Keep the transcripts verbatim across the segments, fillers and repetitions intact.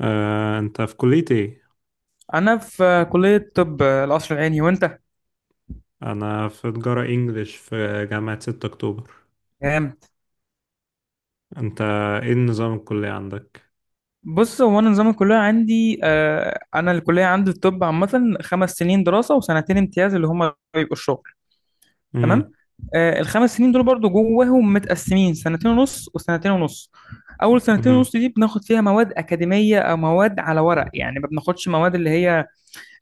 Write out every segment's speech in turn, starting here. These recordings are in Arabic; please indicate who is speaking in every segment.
Speaker 1: آه، انت في كلية ايه؟
Speaker 2: انا في كليه طب القصر العيني. وانت؟
Speaker 1: انا في تجارة انجليش في جامعة ستة اكتوبر.
Speaker 2: تمام.
Speaker 1: انت ايه النظام الكلية عندك؟
Speaker 2: بص، هو انا نظام الكليه عندي، آه، انا الكليه عندي الطب عامه خمس سنين دراسه وسنتين امتياز، اللي هما بيبقوا الشغل. تمام.
Speaker 1: امم.
Speaker 2: آه، الخمس سنين دول برضو جواهم متقسمين سنتين ونص وسنتين ونص. اول سنتين
Speaker 1: امم.
Speaker 2: ونص دي بناخد فيها مواد اكاديميه او مواد على ورق، يعني ما بناخدش مواد اللي هي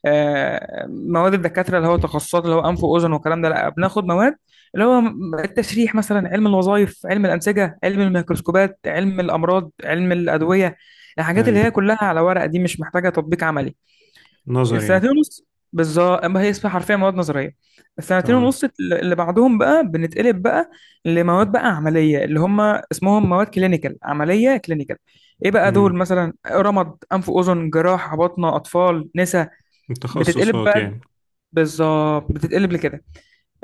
Speaker 2: آه، مواد الدكاتره، اللي هو تخصصات، اللي هو انف واذن والكلام ده. لا بناخد مواد اللي هو م- التشريح مثلا، علم الوظائف، علم الانسجه، علم الميكروسكوبات، علم الامراض، علم الادويه. الحاجات
Speaker 1: اي،
Speaker 2: اللي هي كلها على ورق دي مش محتاجه تطبيق عملي.
Speaker 1: نظر يعني.
Speaker 2: السنتين ونص، بالظبط، ما هي اسمها حرفيا مواد نظريه. السنتين
Speaker 1: تمام.
Speaker 2: ونص اللي بعدهم بقى بنتقلب بقى لمواد بقى عمليه، اللي هم اسمهم مواد كلينيكال، عمليه كلينيكال. ايه بقى دول؟
Speaker 1: امم.
Speaker 2: مثلا رمد، انف واذن، جراحه، بطنه، اطفال، نسا. بتتقلب
Speaker 1: التخصصات
Speaker 2: بقى.
Speaker 1: يعني.
Speaker 2: بالظبط، بتتقلب لكده.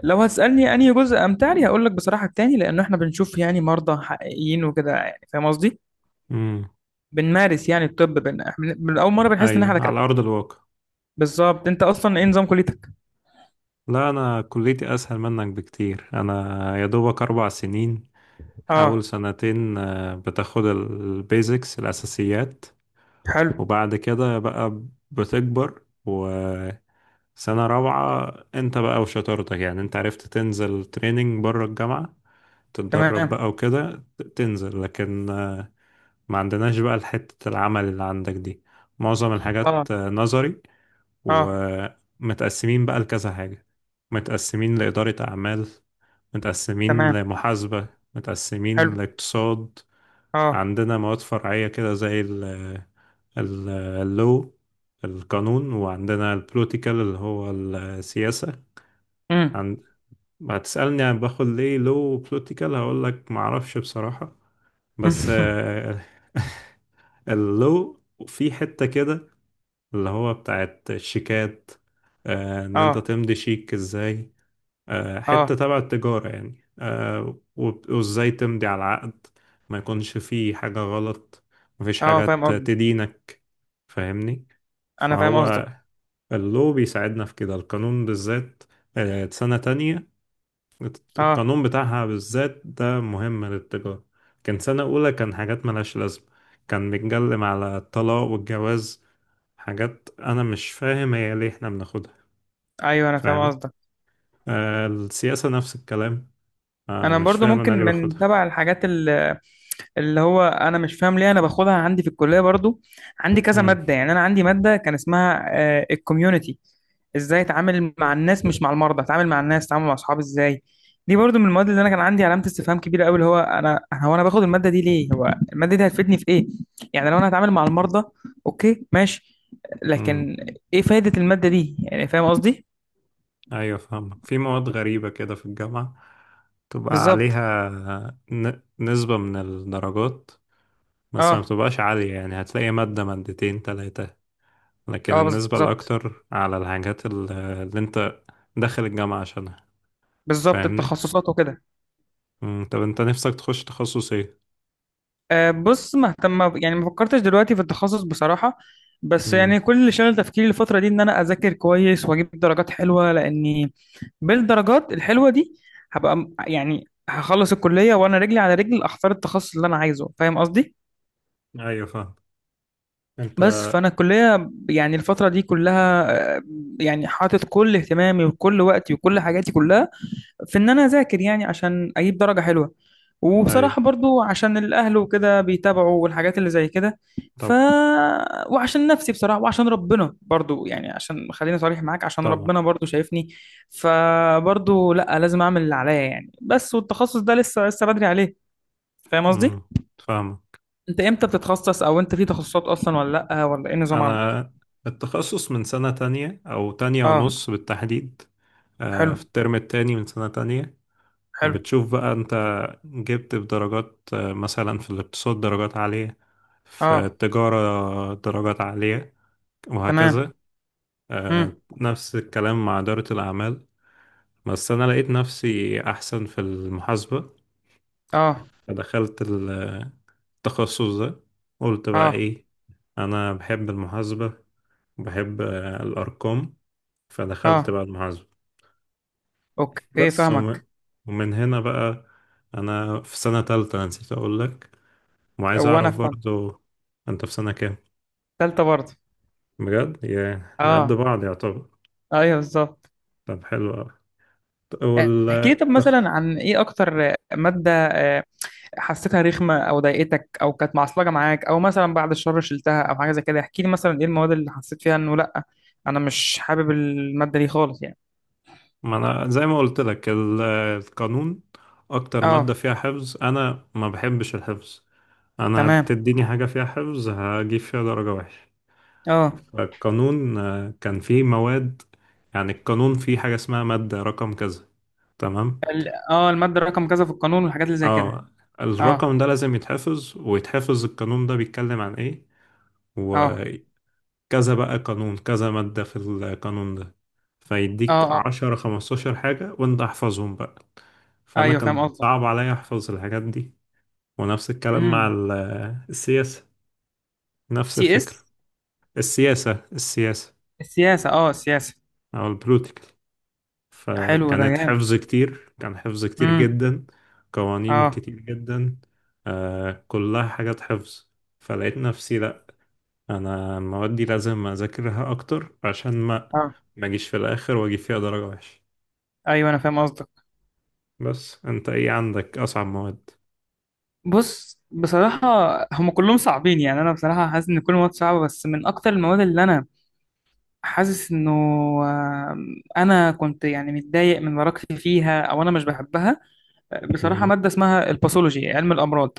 Speaker 2: لو هتسألني أنهي جزء أمتع لي، هقول لك بصراحة التاني، لأنه إحنا بنشوف يعني مرضى حقيقيين وكده. يعني فاهم قصدي؟
Speaker 1: امم.
Speaker 2: بنمارس يعني الطب بن... من من أول مرة بنحس إن إحنا
Speaker 1: اي، على
Speaker 2: دكاترة.
Speaker 1: ارض الواقع.
Speaker 2: بالظبط. أنت أصلا إيه نظام كليتك؟
Speaker 1: لا انا كليتي اسهل منك بكتير، انا يا دوبك اربع سنين.
Speaker 2: أه.
Speaker 1: اول سنتين آه، بتاخد البيزكس الاساسيات،
Speaker 2: حلو.
Speaker 1: وبعد كده بقى بتكبر. سنة رابعة انت بقى وشطارتك، يعني انت عرفت تنزل تريننج بره الجامعة، تتدرب
Speaker 2: تمام.
Speaker 1: بقى وكده ت- تنزل، لكن آه، ما عندناش بقى حتة العمل اللي عندك دي. معظم الحاجات
Speaker 2: أه.
Speaker 1: آه، نظري،
Speaker 2: أه.
Speaker 1: ومتقسمين بقى لكذا حاجة: متقسمين لإدارة أعمال، متقسمين
Speaker 2: تمام.
Speaker 1: لمحاسبة، متقسمين
Speaker 2: حلو.
Speaker 1: لاقتصاد.
Speaker 2: أه.
Speaker 1: عندنا مواد فرعية كده زي ال ال- اللو، القانون، وعندنا البوليتيكال اللي هو السياسة.
Speaker 2: أمم.
Speaker 1: ما تسألني عن باخد ليه لو بوليتيكال، هقول لك ما اعرفش بصراحة. بس اللو في حتة كده اللي هو بتاعت الشيكات، آه، ان انت
Speaker 2: أه.
Speaker 1: تمضي شيك ازاي، آه،
Speaker 2: أه.
Speaker 1: حتة تبع التجارة يعني، آه، وب- وازاي تمضي على العقد ما يكونش فيه حاجة غلط، مفيش
Speaker 2: أه
Speaker 1: حاجة
Speaker 2: فاهم
Speaker 1: ت-
Speaker 2: قصدي.
Speaker 1: تدينك. فاهمني.
Speaker 2: أنا فاهم
Speaker 1: فهو
Speaker 2: قصدك.
Speaker 1: اللو بيساعدنا في كده، القانون بالذات آه، سنة تانية،
Speaker 2: أه.
Speaker 1: القانون بتاعها بالذات ده مهم للتجارة. كان سنة أولى كان حاجات ملهاش لازمة، كان بيتكلم على الطلاق والجواز، حاجات أنا مش فاهم هي ليه إحنا بناخدها.
Speaker 2: أيوه، أنا فاهم
Speaker 1: فاهم.
Speaker 2: قصدك.
Speaker 1: آه، السياسة نفس الكلام، آه،
Speaker 2: أنا
Speaker 1: مش
Speaker 2: برضو
Speaker 1: فاهم أنا
Speaker 2: ممكن
Speaker 1: ليه
Speaker 2: من
Speaker 1: باخدها.
Speaker 2: تبع الحاجات اللي هو انا مش فاهم ليه انا باخدها عندي في الكليه برضو. عندي كذا
Speaker 1: مم.
Speaker 2: ماده. يعني انا عندي ماده كان اسمها الكوميونتي، ازاي اتعامل مع الناس مش مع المرضى، اتعامل مع الناس، اتعامل مع اصحابي ازاي. دي برضو من المواد اللي انا كان عندي علامه استفهام كبيره قوي، اللي هو انا هو انا باخد الماده دي ليه؟ هو الماده دي هتفيدني في ايه؟ يعني لو انا هتعامل مع المرضى، اوكي ماشي.
Speaker 1: مم.
Speaker 2: لكن ايه فايده الماده دي؟ يعني فاهم قصدي.
Speaker 1: أيوة فاهمك. في مواد غريبة كده في الجامعة، تبقى
Speaker 2: بالظبط.
Speaker 1: عليها ن- نسبة من الدرجات، بس ما
Speaker 2: اه.
Speaker 1: بتبقاش عالية، يعني هتلاقي مادة مادتين تلاتة، لكن
Speaker 2: اه.
Speaker 1: النسبة
Speaker 2: بالظبط.
Speaker 1: الأكتر على الحاجات ال- اللي أنت داخل الجامعة عشانها.
Speaker 2: بالظبط،
Speaker 1: فاهمني؟
Speaker 2: التخصصات وكده.
Speaker 1: مم. طب أنت نفسك تخش تخصص إيه؟
Speaker 2: أه، بص، مهتم. يعني ما فكرتش دلوقتي في التخصص بصراحة. بس
Speaker 1: مم.
Speaker 2: يعني كل اللي شغل تفكيري الفترة دي إن أنا أذاكر كويس وأجيب درجات حلوة، لأني بالدرجات الحلوة دي هبقى م- يعني هخلص الكلية وأنا رجلي على رجل أختار التخصص اللي أنا عايزه. فاهم قصدي؟
Speaker 1: أيوة فاهم. أنت.
Speaker 2: بس فأنا الكلية يعني الفترة دي كلها، آه، يعني حاطط كل اهتمامي وكل وقتي وكل حاجاتي كلها في ان انا اذاكر، يعني عشان اجيب درجة حلوة. وبصراحة
Speaker 1: أيوة.
Speaker 2: برضو عشان الاهل وكده بيتابعوا والحاجات اللي زي كده. ف.
Speaker 1: طبعا.
Speaker 2: وعشان نفسي بصراحة، وعشان ربنا برضو. يعني عشان خليني صريح معاك، عشان
Speaker 1: طبعا.
Speaker 2: ربنا برضو شايفني. فبرضو لا، لازم اعمل اللي عليا يعني. بس والتخصص ده لسه لسه بدري عليه. فاهم قصدي.
Speaker 1: مم. فاهمك.
Speaker 2: انت امتى بتتخصص؟ او انت في تخصصات اصلا ولا لا؟ ولا ايه النظام عندك؟
Speaker 1: أنا التخصص من سنة تانية أو تانية
Speaker 2: اه.
Speaker 1: ونص بالتحديد، آه،
Speaker 2: حلو.
Speaker 1: في الترم التاني من سنة تانية.
Speaker 2: حلو.
Speaker 1: بتشوف بقى أنت جبت بدرجات، آه، مثلا في الاقتصاد درجات عالية، في
Speaker 2: اه.
Speaker 1: التجارة درجات عالية،
Speaker 2: تمام.
Speaker 1: وهكذا. آه،
Speaker 2: امم.
Speaker 1: نفس الكلام مع إدارة الأعمال، بس أنا لقيت نفسي أحسن في المحاسبة
Speaker 2: اه.
Speaker 1: فدخلت التخصص ده. قلت بقى
Speaker 2: اه.
Speaker 1: إيه، أنا بحب المحاسبة، بحب الأرقام، فدخلت
Speaker 2: اه.
Speaker 1: بقى المحاسبة.
Speaker 2: اوكي
Speaker 1: بس وم...
Speaker 2: فاهمك.
Speaker 1: ومن هنا بقى، أنا في سنة تالتة نسيت أقول لك، وعايز أعرف
Speaker 2: وانا فاهمك.
Speaker 1: برضو أنت في سنة كام.
Speaker 2: تالتة برضه.
Speaker 1: بجد يا نقد
Speaker 2: اه.
Speaker 1: بعض يعتبر.
Speaker 2: ايوه بالظبط.
Speaker 1: طب حلو أوي.
Speaker 2: آه، احكي لي طب مثلا
Speaker 1: والتخ...
Speaker 2: عن ايه اكتر مادة آه، حسيتها رخمة او ضايقتك او كانت معصلجة معاك، او مثلا بعد الشر شلتها، او حاجة زي كده. احكي لي مثلا ايه المواد اللي حسيت فيها انه لا، انا مش حابب المادة دي خالص يعني.
Speaker 1: ما انا زي ما قلت لك ال- القانون اكتر مادة
Speaker 2: اه.
Speaker 1: فيها حفظ، انا ما بحبش الحفظ، انا
Speaker 2: تمام.
Speaker 1: هتديني حاجة فيها حفظ هجيب فيها درجة وحشة.
Speaker 2: اه.
Speaker 1: فالقانون آه، كان فيه مواد، يعني القانون فيه حاجة اسمها مادة رقم كذا، تمام،
Speaker 2: ال- اه المادة رقم كذا في القانون والحاجات اللي زي كده.
Speaker 1: اه
Speaker 2: اه.
Speaker 1: الرقم ده لازم يتحفظ ويتحفظ، القانون ده بيتكلم عن ايه، و
Speaker 2: اه.
Speaker 1: كذا بقى قانون، كذا مادة في القانون ده،
Speaker 2: اه.
Speaker 1: فيديك
Speaker 2: اه.
Speaker 1: عشرة خمستاشر حاجة وانت احفظهم بقى. فأنا
Speaker 2: ايوه فاهم
Speaker 1: كان
Speaker 2: قصدك.
Speaker 1: صعب عليا أحفظ الحاجات دي، ونفس الكلام مع
Speaker 2: امم.
Speaker 1: ال- السياسة، نفس
Speaker 2: سي
Speaker 1: الفكرة.
Speaker 2: اس.
Speaker 1: السياسة السياسة
Speaker 2: السياسة. اه السياسة.
Speaker 1: أو البوليتيكال،
Speaker 2: حلو، ده
Speaker 1: فكانت حفظ
Speaker 2: جامد.
Speaker 1: كتير، كان حفظ كتير
Speaker 2: امم.
Speaker 1: جدا، قوانين
Speaker 2: اه.
Speaker 1: كتير جدا، آه كلها حاجات حفظ. فلقيت نفسي لأ، انا المواد دي لازم اذاكرها اكتر عشان ما
Speaker 2: اه.
Speaker 1: ما اجيش في الاخر واجي فيها درجة وحشة.
Speaker 2: ايوه انا فاهم قصدك.
Speaker 1: بس انت ايه عندك اصعب مواد؟
Speaker 2: بص بصراحة، هم كلهم صعبين. يعني أنا بصراحة حاسس إن كل مواد صعبة، بس من أكتر المواد اللي أنا حاسس إنه آم، أنا كنت يعني متضايق من مراكزي فيها أو أنا مش بحبها بصراحة،
Speaker 1: امم.
Speaker 2: مادة اسمها الباثولوجي، علم الأمراض.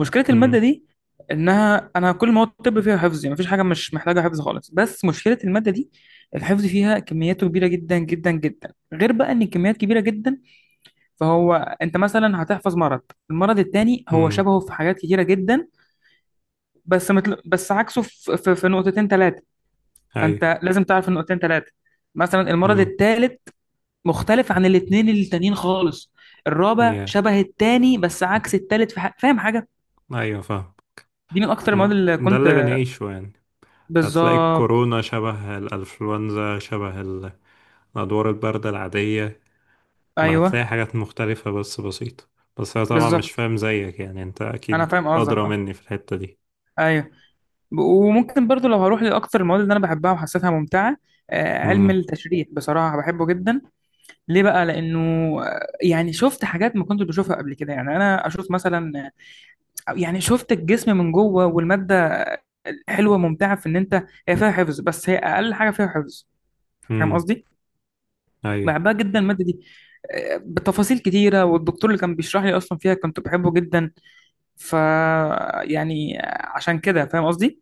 Speaker 2: مشكلة المادة
Speaker 1: امم.
Speaker 2: دي إنها، أنا كل مواد الطب فيها حفظ، يعني مفيش حاجة مش محتاجة حفظ خالص، بس مشكلة المادة دي الحفظ فيها كمياته كبيرة جدا جدا جدا. غير بقى إن الكميات كبيرة جدا، فهو أنت مثلا هتحفظ مرض، المرض التاني هو
Speaker 1: امم.
Speaker 2: شبهه في حاجات كتيرة جدا. بس متل... بس عكسه في, في, في نقطتين ثلاثة.
Speaker 1: ايوه.
Speaker 2: فأنت لازم تعرف النقطتين ثلاثة. مثلا المرض
Speaker 1: امم.
Speaker 2: الثالث مختلف عن الاثنين التانيين خالص. الرابع
Speaker 1: يا
Speaker 2: شبه التاني بس عكس التالت في ح... فاهم حاجة؟
Speaker 1: ايوه فاهم.
Speaker 2: دي من أكتر المواد
Speaker 1: ما-
Speaker 2: اللي
Speaker 1: ده
Speaker 2: كنت.
Speaker 1: اللي بنعيشه يعني، هتلاقي
Speaker 2: بالظبط.
Speaker 1: الكورونا شبه الانفلونزا شبه ال- الادوار الباردة العادية، ما هتلاقي
Speaker 2: أيوه
Speaker 1: حاجات مختلفة بس بسيطة. بس انا طبعا مش
Speaker 2: بالظبط.
Speaker 1: فاهم زيك يعني، انت
Speaker 2: أنا
Speaker 1: اكيد
Speaker 2: فاهم قصدك.
Speaker 1: ادرى
Speaker 2: أه.
Speaker 1: مني في الحتة دي.
Speaker 2: أيوه. ب- وممكن برضو لو هروح لأكتر المواد اللي أنا بحبها وحسيتها ممتعة، آه، علم
Speaker 1: امم.
Speaker 2: التشريح بصراحة بحبه جدا. ليه بقى؟ لأنه آه، يعني شفت حاجات ما كنتش بشوفها قبل كده. يعني أنا أشوف مثلا، يعني شفت الجسم من جوه. والمادة حلوة ممتعة، في إن أنت هي فيها حفظ بس هي أقل حاجة فيها حفظ. فاهم
Speaker 1: امم.
Speaker 2: قصدي؟
Speaker 1: ايوه
Speaker 2: بحبها جدا المادة دي. آه، بتفاصيل كتيرة، والدكتور اللي كان بيشرح لي أصلا فيها كنت بحبه جدا. ف. يعني عشان كده فاهم قصدي؟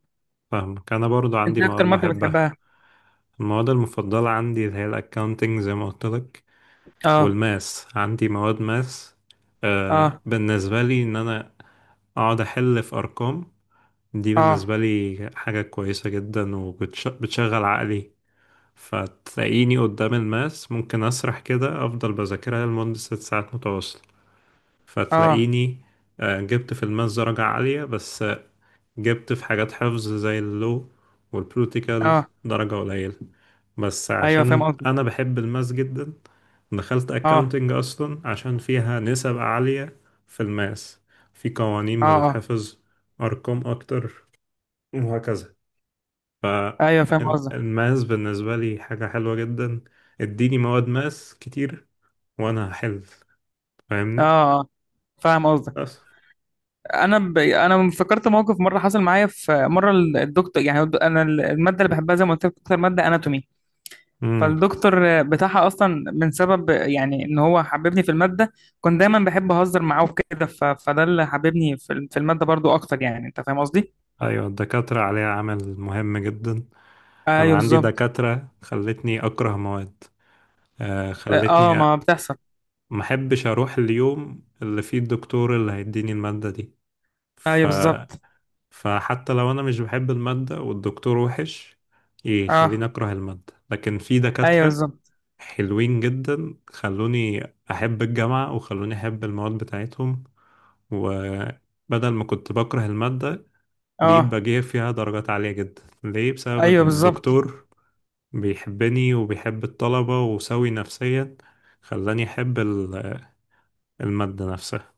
Speaker 1: فاهمك. انا برضو
Speaker 2: أنت
Speaker 1: عندي
Speaker 2: إيه
Speaker 1: مواد
Speaker 2: أكتر مادة
Speaker 1: بحبها،
Speaker 2: بتحبها؟
Speaker 1: المواد المفضلة عندي اللي هي الأكاونتنج زي ما قلت لك،
Speaker 2: آه.
Speaker 1: والماس، عندي مواد ماس. آه
Speaker 2: آه.
Speaker 1: بالنسبة لي إن أنا أقعد أحل في أرقام، دي
Speaker 2: آه.
Speaker 1: بالنسبة لي حاجة كويسة جدا وبتشغل عقلي. فتلاقيني قدام الماس ممكن أسرح كده، أفضل بذاكرها لمدة ست ساعات متواصلة.
Speaker 2: آه.
Speaker 1: فتلاقيني آه جبت في الماس درجة عالية، بس جبت في حاجات حفظ زي اللو والبروتيكال
Speaker 2: آه.
Speaker 1: درجة قليلة. بس
Speaker 2: أيوه فاهم
Speaker 1: عشان
Speaker 2: قصدي.
Speaker 1: أنا بحب الماس جدا دخلت
Speaker 2: آه.
Speaker 1: أكاونتنج أصلا عشان فيها نسب عالية في الماس، في قوانين
Speaker 2: آه. آه.
Speaker 1: بتتحفظ، أرقام أكتر، وهكذا.
Speaker 2: أيوه فاهم قصدك.
Speaker 1: فالماس بالنسبة لي حاجة حلوة جدا، اديني مواد ماس كتير وأنا هحل.
Speaker 2: آه.
Speaker 1: فاهمني؟
Speaker 2: آه. فاهم قصدك.
Speaker 1: بس.
Speaker 2: انا ب... انا فكرت موقف مره حصل معايا. في مره ال- الدكتور، يعني انا ال- الماده اللي بحبها زي ما قلت لك اكتر ماده اناتومي،
Speaker 1: مم.
Speaker 2: فالدكتور بتاعها اصلا من سبب يعني ان هو حببني في الماده. كنت دايما بحب اهزر معاه وكده. ف... فده اللي حببني في ال- في الماده برضو اكتر. يعني انت فاهم قصدي.
Speaker 1: أيوة، الدكاترة عليها عمل مهم جدا،
Speaker 2: ايوه
Speaker 1: انا عندي
Speaker 2: بالظبط.
Speaker 1: دكاترة خلتني اكره مواد، آه،
Speaker 2: اه
Speaker 1: خلتني
Speaker 2: ما بتحصل.
Speaker 1: ما احبش اروح اليوم اللي فيه الدكتور اللي هيديني المادة دي. ف...
Speaker 2: ايوه بالظبط.
Speaker 1: فحتى لو انا مش بحب المادة والدكتور وحش
Speaker 2: اه.
Speaker 1: يخليني اكره المادة، لكن في
Speaker 2: ايوه
Speaker 1: دكاترة
Speaker 2: بالظبط.
Speaker 1: حلوين جدا خلوني احب الجامعة وخلوني احب المواد بتاعتهم، وبدل ما كنت بكره المادة بقيت
Speaker 2: اه.
Speaker 1: بجيب فيها درجات عالية جدا. ليه؟ بسبب
Speaker 2: ايوه
Speaker 1: ان
Speaker 2: بالظبط.
Speaker 1: الدكتور بيحبني وبيحب الطلبة وسوي نفسيا، خلاني أحب ال- المادة نفسها.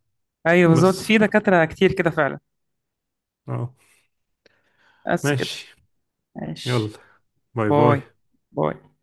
Speaker 2: ايوه بالظبط،
Speaker 1: بس.
Speaker 2: في دكاتره كتير كده فعلا.
Speaker 1: اه.
Speaker 2: بس كده.
Speaker 1: ماشي. يلا،
Speaker 2: ماشي.
Speaker 1: باي باي.
Speaker 2: باي. باي.